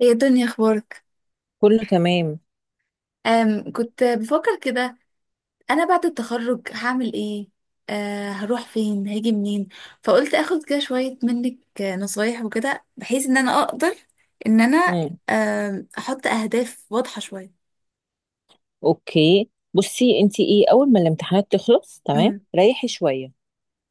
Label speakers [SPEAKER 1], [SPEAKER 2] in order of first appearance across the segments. [SPEAKER 1] هي دنيا، اخبارك؟
[SPEAKER 2] كله تمام.
[SPEAKER 1] كنت بفكر كده. انا بعد التخرج هعمل ايه؟ هروح فين، هاجي منين؟ فقلت اخد كده شوية منك نصايح وكده بحيث ان انا اقدر ان انا
[SPEAKER 2] مم.
[SPEAKER 1] آم، احط اهداف واضحة شوية.
[SPEAKER 2] اوكي، بصي انت ايه؟ اول ما الامتحانات تخلص تمام
[SPEAKER 1] امم.
[SPEAKER 2] ريحي شويه،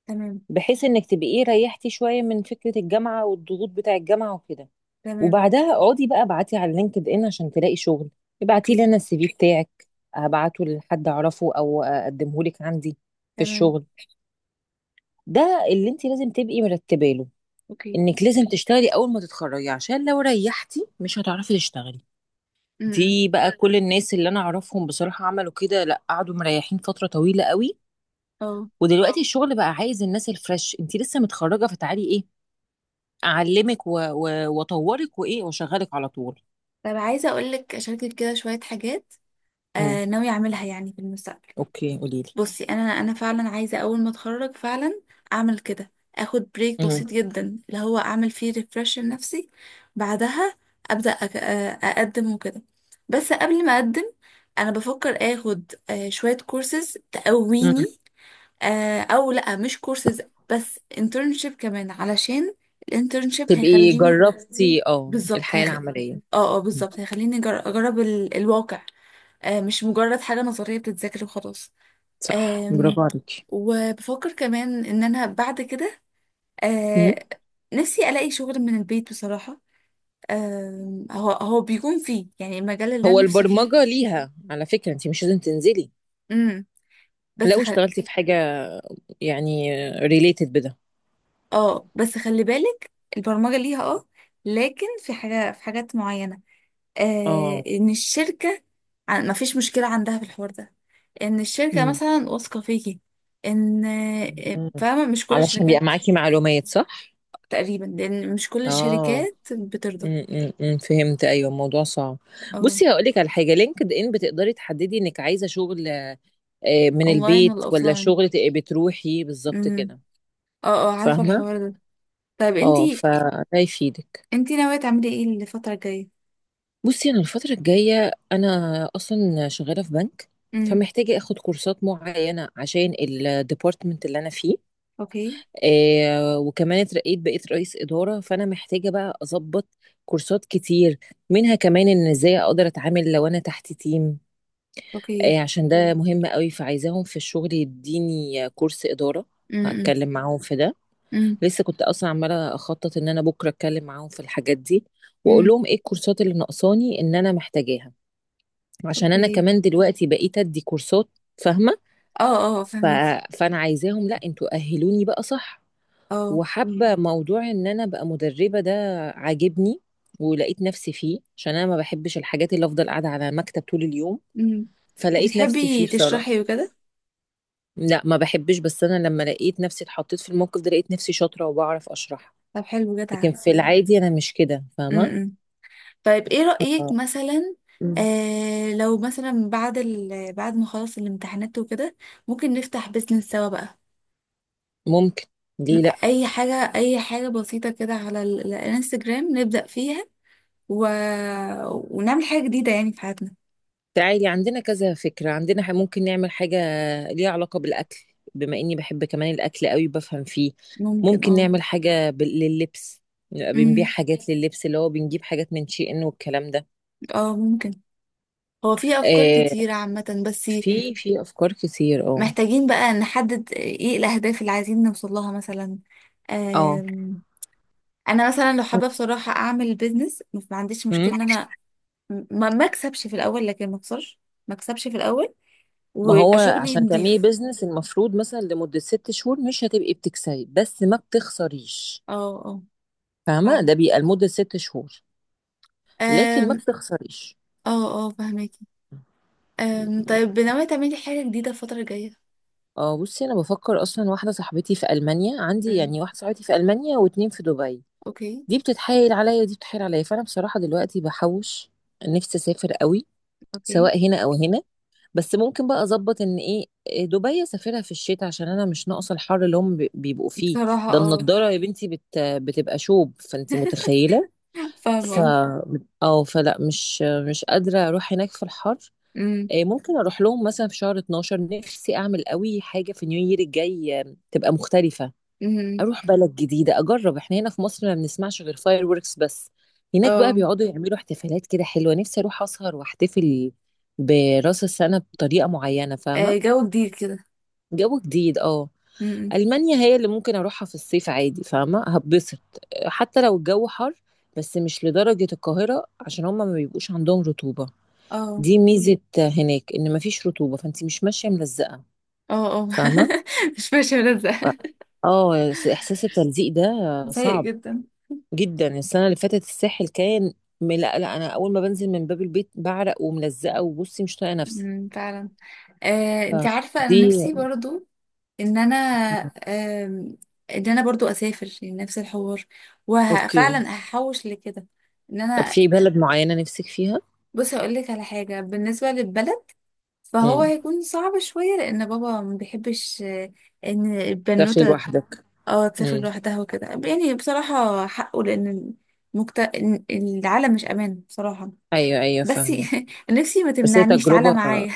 [SPEAKER 1] تمام.
[SPEAKER 2] بحيث انك تبقي ايه، ريحتي شويه من فكره الجامعه والضغوط بتاع الجامعه وكده.
[SPEAKER 1] تمام.
[SPEAKER 2] وبعدها اقعدي بقى ابعتي على لينكد ان عشان تلاقي شغل. ابعتي لي
[SPEAKER 1] اوكي.
[SPEAKER 2] انا السي في بتاعك، ابعته لحد اعرفه او اقدمه لك عندي في
[SPEAKER 1] تمام.
[SPEAKER 2] الشغل. ده اللي انت لازم تبقي مرتبه له،
[SPEAKER 1] اوكي.
[SPEAKER 2] انك لازم تشتغلي اول ما تتخرجي عشان لو ريحتي مش هتعرفي تشتغلي.
[SPEAKER 1] امم.
[SPEAKER 2] دي بقى كل الناس اللي انا اعرفهم بصراحة عملوا كده، لا قعدوا مريحين فترة طويلة قوي.
[SPEAKER 1] اه.
[SPEAKER 2] ودلوقتي الشغل بقى عايز الناس الفريش، انت لسه متخرجة فتعالي ايه اعلمك واطورك وايه واشغلك على طول.
[SPEAKER 1] طب عايزة اقولك اشاركك كده شوية حاجات
[SPEAKER 2] امم،
[SPEAKER 1] ناوية اعملها يعني في المستقبل.
[SPEAKER 2] اوكي قولي لي.
[SPEAKER 1] بصي، انا فعلا عايزه اول ما اتخرج فعلا اعمل كده، اخد بريك
[SPEAKER 2] امم.
[SPEAKER 1] بسيط جدا اللي هو اعمل فيه ريفرش لنفسي. بعدها ابدا أك... آه، اقدم وكده، بس قبل ما اقدم انا بفكر اخد شويه كورسز
[SPEAKER 2] امم.
[SPEAKER 1] تقويني، او لا مش كورسز بس انترنشيب كمان علشان الانترنشيب
[SPEAKER 2] تبقي
[SPEAKER 1] هيخليني.
[SPEAKER 2] جربتي اه
[SPEAKER 1] بالظبط
[SPEAKER 2] الحياة
[SPEAKER 1] هيخ...
[SPEAKER 2] العملية.
[SPEAKER 1] اه اه،
[SPEAKER 2] مم.
[SPEAKER 1] بالظبط هيخليني اجرب الواقع. مش مجرد حاجه نظريه بتتذاكر وخلاص.
[SPEAKER 2] صح،
[SPEAKER 1] آمم،
[SPEAKER 2] برافو عليكي.
[SPEAKER 1] وبفكر كمان ان انا بعد كده
[SPEAKER 2] مم.
[SPEAKER 1] آه نفسي الاقي شغل من البيت بصراحة. هو بيكون فيه يعني المجال اللي
[SPEAKER 2] هو
[SPEAKER 1] انا نفسي فيه.
[SPEAKER 2] البرمجة ليها على فكرة، انت مش لازم تنزلي
[SPEAKER 1] امم. بس
[SPEAKER 2] لو
[SPEAKER 1] خل...
[SPEAKER 2] اشتغلتي في حاجة يعني ريليتد بده.
[SPEAKER 1] اه، بس خلي بالك البرمجة ليها لكن في حاجات معينة.
[SPEAKER 2] اه.
[SPEAKER 1] ان الشركة ما فيش مشكلة عندها في الحوار ده، ان الشركة مثلا واثقة فيكي، ان
[SPEAKER 2] مم.
[SPEAKER 1] فاهمة، مش كل
[SPEAKER 2] علشان بيبقى
[SPEAKER 1] الشركات.
[SPEAKER 2] معاكي معلومات صح؟
[SPEAKER 1] تقريبا لان مش كل
[SPEAKER 2] مم. اه،
[SPEAKER 1] الشركات بترضى.
[SPEAKER 2] امم، فهمت، ايوه الموضوع صعب.
[SPEAKER 1] اه.
[SPEAKER 2] بصي هقول لك على حاجه، لينكد ان بتقدري تحددي انك عايزه شغل من
[SPEAKER 1] اونلاين
[SPEAKER 2] البيت،
[SPEAKER 1] ولا
[SPEAKER 2] ولا
[SPEAKER 1] اوفلاين؟
[SPEAKER 2] شغل تبقي بتروحي بالظبط
[SPEAKER 1] امم.
[SPEAKER 2] كده،
[SPEAKER 1] اه اه، عارفة
[SPEAKER 2] فاهمه؟
[SPEAKER 1] الحوار ده. طيب،
[SPEAKER 2] اه
[SPEAKER 1] انتي
[SPEAKER 2] فده يفيدك.
[SPEAKER 1] انتي ناوية تعملي ايه الفترة الجاية؟
[SPEAKER 2] بصي انا الفتره الجايه انا اصلا شغاله في بنك،
[SPEAKER 1] امم.
[SPEAKER 2] فمحتاجه اخد كورسات معينه عشان الديبارتمنت اللي انا فيه.
[SPEAKER 1] اوكي.
[SPEAKER 2] وكمان اترقيت بقيت رئيس إدارة فأنا محتاجة بقى أظبط كورسات كتير، منها كمان إن إزاي أقدر أتعامل لو أنا تحت تيم.
[SPEAKER 1] اوكي.
[SPEAKER 2] عشان ده مهم قوي، فعايزاهم في الشغل يديني كورس إدارة.
[SPEAKER 1] امم.
[SPEAKER 2] هتكلم معاهم في ده.
[SPEAKER 1] امم.
[SPEAKER 2] لسه كنت أصلا عمالة أخطط إن أنا بكرة أتكلم معاهم في الحاجات دي، وأقول
[SPEAKER 1] امم.
[SPEAKER 2] لهم إيه الكورسات اللي ناقصاني إن أنا محتاجاها، عشان أنا
[SPEAKER 1] اوكي.
[SPEAKER 2] كمان دلوقتي بقيت أدي كورسات، فاهمة؟
[SPEAKER 1] اه اه،
[SPEAKER 2] ف...
[SPEAKER 1] فهميكي.
[SPEAKER 2] فأنا عايزاهم، لأ أنتوا أهلوني بقى صح.
[SPEAKER 1] اه.
[SPEAKER 2] وحابة موضوع ان انا ابقى مدربة ده، عاجبني ولقيت نفسي فيه، عشان انا ما بحبش الحاجات اللي افضل قاعدة على مكتب طول اليوم.
[SPEAKER 1] امم.
[SPEAKER 2] فلقيت نفسي فيه
[SPEAKER 1] وبتحبي
[SPEAKER 2] بصراحة.
[SPEAKER 1] تشرحي وكده؟
[SPEAKER 2] لا ما بحبش، بس انا لما لقيت نفسي اتحطيت في الموقف ده لقيت نفسي شاطرة وبعرف اشرح.
[SPEAKER 1] طب حلو،
[SPEAKER 2] لكن
[SPEAKER 1] جدعة.
[SPEAKER 2] في العادي انا مش كده، فاهمة؟
[SPEAKER 1] امم. طيب، ايه رأيك
[SPEAKER 2] ف-
[SPEAKER 1] مثلا. لو مثلا بعد ما خلص الامتحانات وكده، ممكن نفتح بيزنس سوا بقى.
[SPEAKER 2] ممكن، ليه لا؟
[SPEAKER 1] اي حاجة، اي حاجة بسيطة كده على الانستجرام نبدأ فيها، و... ونعمل حاجة جديدة يعني في حياتنا.
[SPEAKER 2] تعالي عندنا كذا فكرة عندنا، ممكن نعمل حاجة ليها علاقة بالأكل، بما إني بحب كمان الأكل قوي بفهم فيه.
[SPEAKER 1] ممكن.
[SPEAKER 2] ممكن
[SPEAKER 1] اه.
[SPEAKER 2] نعمل حاجة لللبس، نبقى بنبيع
[SPEAKER 1] امم.
[SPEAKER 2] حاجات لللبس اللي هو بنجيب حاجات من شي إن والكلام ده.
[SPEAKER 1] اه. ممكن. هو في أفكار
[SPEAKER 2] آه،
[SPEAKER 1] كتيرة عامة بس.
[SPEAKER 2] في أفكار كتير اه.
[SPEAKER 1] محتاجين بقى نحدد ايه الأهداف اللي عايزين نوصل لها مثلا.
[SPEAKER 2] اه،
[SPEAKER 1] أم... أنا مثلا لو حابة بصراحة أعمل بيزنس، ما عنديش
[SPEAKER 2] أمم.
[SPEAKER 1] مشكلة إن أنا ما أكسبش في الأول لكن ما أخسرش. ما أكسبش في الأول
[SPEAKER 2] ما هو
[SPEAKER 1] ويبقى شغلي
[SPEAKER 2] عشان تعملي
[SPEAKER 1] نضيف.
[SPEAKER 2] بيزنس المفروض مثلا لمدة ست شهور مش هتبقي بتكسبي بس ما بتخسريش.
[SPEAKER 1] اه اه،
[SPEAKER 2] فاهمة؟
[SPEAKER 1] فعلا.
[SPEAKER 2] ده بيبقى لمدة ست شهور، لكن ما
[SPEAKER 1] أم...
[SPEAKER 2] بتخسريش.
[SPEAKER 1] اه اه، فهماكي. طيب، ناوية تعملي حاجة جديدة الفترة الجاية؟
[SPEAKER 2] اه، بصي انا بفكر اصلا، واحده صاحبتي في المانيا، عندي
[SPEAKER 1] امم.
[SPEAKER 2] يعني واحده صاحبتي في المانيا واتنين في دبي.
[SPEAKER 1] اوكي.
[SPEAKER 2] دي بتتحايل عليا ودي بتتحايل عليا، فانا بصراحه دلوقتي بحوش، نفسي اسافر قوي
[SPEAKER 1] اوكي
[SPEAKER 2] سواء هنا او هنا. بس ممكن بقى اظبط ان ايه، إيه، دبي اسافرها في الشتاء عشان انا مش ناقصه الحر اللي هم بيبقوا فيه.
[SPEAKER 1] بصراحة.
[SPEAKER 2] ده
[SPEAKER 1] اه.
[SPEAKER 2] النضاره يا بنتي، بتبقى شوب، فانت متخيله.
[SPEAKER 1] فاهمة.
[SPEAKER 2] ف
[SPEAKER 1] اه.
[SPEAKER 2] او فلا، مش قادره اروح هناك في الحر.
[SPEAKER 1] أمم.
[SPEAKER 2] ممكن اروح لهم مثلا في شهر 12. نفسي اعمل قوي حاجه في نيو يير الجاي، تبقى مختلفه،
[SPEAKER 1] أمم.
[SPEAKER 2] اروح بلد جديده اجرب. احنا هنا في مصر ما بنسمعش غير فاير وركس بس. هناك بقى
[SPEAKER 1] اه.
[SPEAKER 2] بيقعدوا يعملوا احتفالات كده حلوه، نفسي اروح اسهر واحتفل براس السنه بطريقه معينه، فاهمه؟
[SPEAKER 1] جو جديد كده.
[SPEAKER 2] جو جديد اه.
[SPEAKER 1] أمم. امم.
[SPEAKER 2] المانيا هي اللي ممكن اروحها في الصيف عادي، فاهمه؟ هبسط حتى لو الجو حر، بس مش لدرجه القاهره عشان هما ما بيبقوش عندهم رطوبه.
[SPEAKER 1] اه
[SPEAKER 2] دي ميزة هناك ان مفيش رطوبة، فانت مش ماشية ملزقة،
[SPEAKER 1] اه اه.
[SPEAKER 2] فاهمة؟
[SPEAKER 1] مش ماشي
[SPEAKER 2] ف-
[SPEAKER 1] ملزق.
[SPEAKER 2] احساس التلزيق ده
[SPEAKER 1] سيء
[SPEAKER 2] صعب
[SPEAKER 1] جدا.
[SPEAKER 2] جدا. السنة اللي فاتت الساحل كان لا لا، انا اول ما بنزل من باب البيت بعرق وملزقة وبصي مش طايقة نفسي.
[SPEAKER 1] أمم، فعلا. انت عارفة انا
[SPEAKER 2] فدي.
[SPEAKER 1] نفسي برضو ان انا آم، ان انا برضو اسافر يعني نفس الحوار،
[SPEAKER 2] اوكي.
[SPEAKER 1] وفعلا هحوش لكده. ان
[SPEAKER 2] طب
[SPEAKER 1] انا
[SPEAKER 2] في بلد معينة نفسك فيها؟
[SPEAKER 1] بصي، اقول لك على حاجة بالنسبة للبلد. فهو
[SPEAKER 2] امم.
[SPEAKER 1] هيكون صعب شوية لان بابا ما بيحبش ان
[SPEAKER 2] تسافري
[SPEAKER 1] البنوتة
[SPEAKER 2] لوحدك.
[SPEAKER 1] اه تسافر
[SPEAKER 2] امم.
[SPEAKER 1] لوحدها وكده، يعني بصراحة حقه لأن العالم مش أمان بصراحة.
[SPEAKER 2] ايوه ايوه
[SPEAKER 1] بس
[SPEAKER 2] فاهمة.
[SPEAKER 1] نفسي ما
[SPEAKER 2] بس هي
[SPEAKER 1] تمنعنيش، تعالى
[SPEAKER 2] تجربة،
[SPEAKER 1] معايا.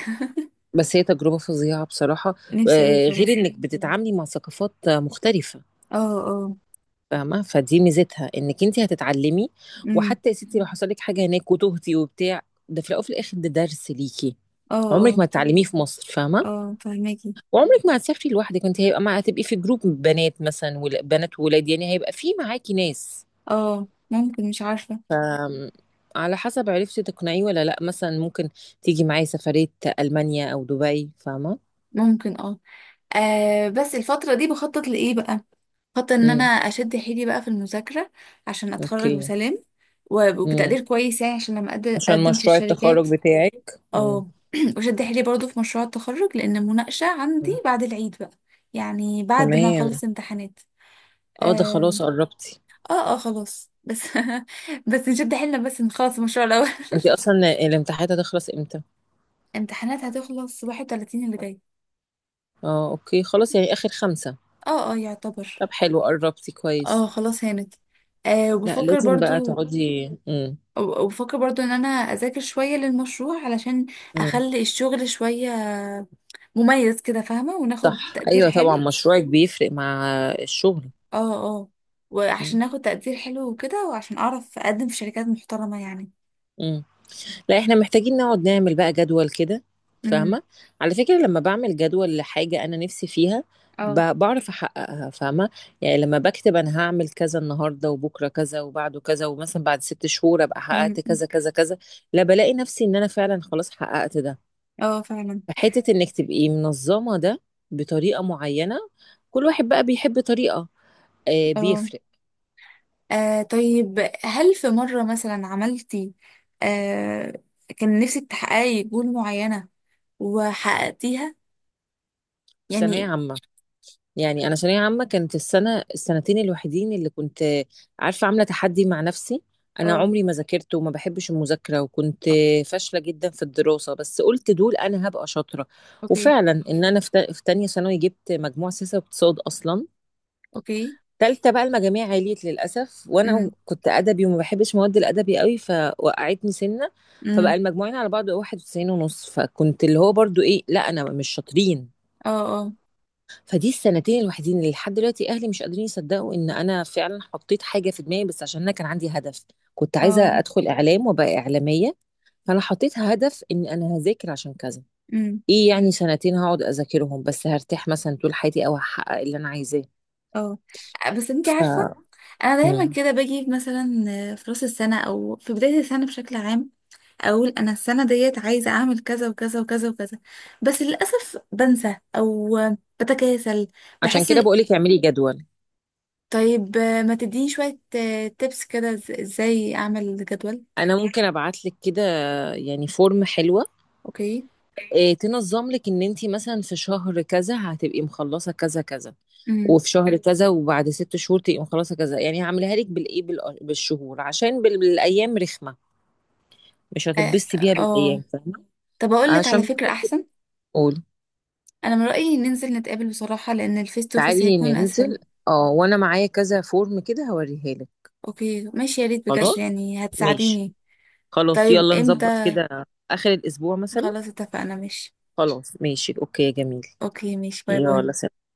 [SPEAKER 2] بس هي تجربة فظيعة بصراحة.
[SPEAKER 1] نفسي أوي بصراحة.
[SPEAKER 2] غير انك بتتعاملي مع ثقافات مختلفة،
[SPEAKER 1] اه. اه.
[SPEAKER 2] فاهمة؟ فدي ميزتها انك انت هتتعلمي.
[SPEAKER 1] امم.
[SPEAKER 2] وحتى يا ستي لو حصل لك حاجة هناك وتهتي وبتاع، ده في الاول وفي الاخر ده درس ليكي
[SPEAKER 1] اه.
[SPEAKER 2] عمرك
[SPEAKER 1] اه.
[SPEAKER 2] ما هتتعلميه في مصر، فاهمة؟
[SPEAKER 1] اه، فهماكي.
[SPEAKER 2] وعمرك ما هتسافري لوحدك، انت هيبقى مع، هتبقي في جروب بنات مثلا بنات وولاد، يعني هيبقى في معاكي ناس.
[SPEAKER 1] اه. ممكن، مش عارفة.
[SPEAKER 2] ف على حسب عرفتي تقنعيه ولا لا. مثلا ممكن تيجي معايا سفرية ألمانيا أو دبي، فاهمة؟
[SPEAKER 1] ممكن. اه. بس الفترة دي بخطط لإيه بقى؟ خطط إن أنا
[SPEAKER 2] امم.
[SPEAKER 1] أشد حيلي بقى في المذاكرة عشان أتخرج
[SPEAKER 2] اوكي.
[SPEAKER 1] بسلام،
[SPEAKER 2] امم.
[SPEAKER 1] وبتقدير كويس يعني عشان لما
[SPEAKER 2] عشان
[SPEAKER 1] أقدم في
[SPEAKER 2] مشروع التخرج
[SPEAKER 1] الشركات.
[SPEAKER 2] بتاعك. امم.
[SPEAKER 1] اه. وشد حيلي برضو في مشروع التخرج لان المناقشه عندي بعد العيد بقى، يعني بعد ما
[SPEAKER 2] تمام.
[SPEAKER 1] اخلص امتحانات.
[SPEAKER 2] اه ده
[SPEAKER 1] آم،
[SPEAKER 2] خلاص قربتي.
[SPEAKER 1] اه اه، خلاص. بس بس نشد حيلنا بس نخلص المشروع الاول.
[SPEAKER 2] أنتِ أصلًا الامتحانات هتخلص إمتى؟
[SPEAKER 1] امتحانات هتخلص 31 اللي جاي.
[SPEAKER 2] أوكي، خلاص يعني آخر 5.
[SPEAKER 1] اه اه، يعتبر.
[SPEAKER 2] طب حلو قرّبتِ كويس.
[SPEAKER 1] اه، خلاص هانت. آه
[SPEAKER 2] لأ،
[SPEAKER 1] وبفكر
[SPEAKER 2] لازم بقى
[SPEAKER 1] برضو
[SPEAKER 2] تقعدي. إمم.
[SPEAKER 1] وبفكر برضو ان انا اذاكر شوية للمشروع علشان
[SPEAKER 2] إمم.
[SPEAKER 1] اخلي الشغل شوية مميز كده فاهمة، وناخد
[SPEAKER 2] صح،
[SPEAKER 1] تقدير
[SPEAKER 2] أيوه طبعًا
[SPEAKER 1] حلو.
[SPEAKER 2] مشروعِك بيفرق مع الشغل.
[SPEAKER 1] اه اه،
[SPEAKER 2] إمم.
[SPEAKER 1] وعشان اخد تقدير حلو وكده، وعشان اعرف اقدم في شركات محترمة يعني.
[SPEAKER 2] إمم. لأ إحنا محتاجين نقعد نعمل بقى جدول كده،
[SPEAKER 1] امم.
[SPEAKER 2] فاهمة؟ على فكرة لمّا باعمل جدول لحاجة أنا نِفْسي فيها
[SPEAKER 1] اه.
[SPEAKER 2] باعرف أحققها، فاهمة؟ يعني لمّا باكتب أنا هاعمل كذا النهارده وبُكرة كذا وبعده كذا، ومثلًا بعد 6 شهور أبقى حققت
[SPEAKER 1] امم.
[SPEAKER 2] كذا، كذا، كذا، لأ بالاقي نَفْسي إن أنا فعلًا خلاص حققت ده.
[SPEAKER 1] اه، فعلا.
[SPEAKER 2] حتة انك تبقي منظمة ده بطريقة معينة، كل واحد بقى بيحب طريقة،
[SPEAKER 1] اه.
[SPEAKER 2] بيفرق.
[SPEAKER 1] طيب، هل في مرة مثلا عملتي آه كان نفسك تحققي جول معينة وحققتيها
[SPEAKER 2] في ثانوية
[SPEAKER 1] يعني؟
[SPEAKER 2] عامة، يعني انا ثانوية عامة كانت السنة، السنتين الوحيدين اللي كنت عارفة، عاملة تحدي مع نفسي. انا
[SPEAKER 1] اه.
[SPEAKER 2] عمري ما ذاكرت وما بحبش المذاكرة، وكنت فاشلة جدا في الدراسة، بس قلت دول انا هبقى شاطرة.
[SPEAKER 1] اوكي.
[SPEAKER 2] وفعلا ان انا في في تانية ثانوي جبت مجموع سياسة واقتصاد اصلا.
[SPEAKER 1] اوكي.
[SPEAKER 2] تالتة بقى المجاميع عليت للأسف، وأنا
[SPEAKER 1] امم.
[SPEAKER 2] كنت أدبي وما بحبش مواد الأدبي قوي فوقعتني سنة.
[SPEAKER 1] امم.
[SPEAKER 2] فبقى المجموعين على بعض 91 ونص، فكنت اللي هو برضو إيه، لا أنا مش شاطرين.
[SPEAKER 1] اه. اه.
[SPEAKER 2] فدي السنتين الوحيدين اللي لحد دلوقتي أهلي مش قادرين يصدقوا إن أنا فعلا حطيت حاجة في دماغي، بس عشان أنا كان عندي هدف. كنت
[SPEAKER 1] اه.
[SPEAKER 2] عايزة أدخل إعلام وأبقى إعلامية، فأنا حطيت هدف إن أنا هذاكر عشان كذا.
[SPEAKER 1] امم.
[SPEAKER 2] إيه يعني سنتين هقعد أذاكرهم، بس هرتاح مثلا طول حياتي أو هحقق اللي أنا عايزاه.
[SPEAKER 1] اه. بس انتي عارفة، انا
[SPEAKER 2] ف...
[SPEAKER 1] دايما كده باجي مثلا في راس السنة او في بداية السنة بشكل عام، اقول انا السنه ديت عايزه اعمل كذا وكذا وكذا وكذا. بس للاسف بنسى او بتكاسل،
[SPEAKER 2] عشان
[SPEAKER 1] بحس.
[SPEAKER 2] كده بقولك اعملي جدول.
[SPEAKER 1] طيب ما تديني شويه تيبس كده، ازاي اعمل جدول؟
[SPEAKER 2] انا ممكن ابعت لك كده يعني فورم حلوه،
[SPEAKER 1] اوكي.
[SPEAKER 2] إيه تنظم لك ان انت مثلا في شهر كذا هتبقي مخلصه كذا كذا،
[SPEAKER 1] امم.
[SPEAKER 2] وفي شهر كذا وبعد ست شهور تبقي مخلصه كذا. يعني هعملها لك بالايه بالشهور عشان بالايام رخمه، مش
[SPEAKER 1] اه.
[SPEAKER 2] هتتبسطي بيها
[SPEAKER 1] آه.
[SPEAKER 2] بالايام، فاهمه؟
[SPEAKER 1] طب اقول لك على
[SPEAKER 2] عشان،
[SPEAKER 1] فكره احسن،
[SPEAKER 2] قول.
[SPEAKER 1] انا من رايي ننزل نتقابل بصراحه لان الفيس تو فيس
[SPEAKER 2] تعالي
[SPEAKER 1] هيكون اسهل.
[SPEAKER 2] ننزل. اه وانا معايا كذا فورم كده هوريها لك.
[SPEAKER 1] اوكي ماشي، يا ريت بجد
[SPEAKER 2] خلاص
[SPEAKER 1] يعني
[SPEAKER 2] ماشي.
[SPEAKER 1] هتساعديني.
[SPEAKER 2] خلاص
[SPEAKER 1] طيب،
[SPEAKER 2] يلا نظبط
[SPEAKER 1] امتى؟
[SPEAKER 2] كده. اخر الاسبوع مثلا.
[SPEAKER 1] خلاص اتفقنا، ماشي.
[SPEAKER 2] خلاص ماشي اوكي يا جميل.
[SPEAKER 1] اوكي ماشي، باي باي.
[SPEAKER 2] يلا سلام.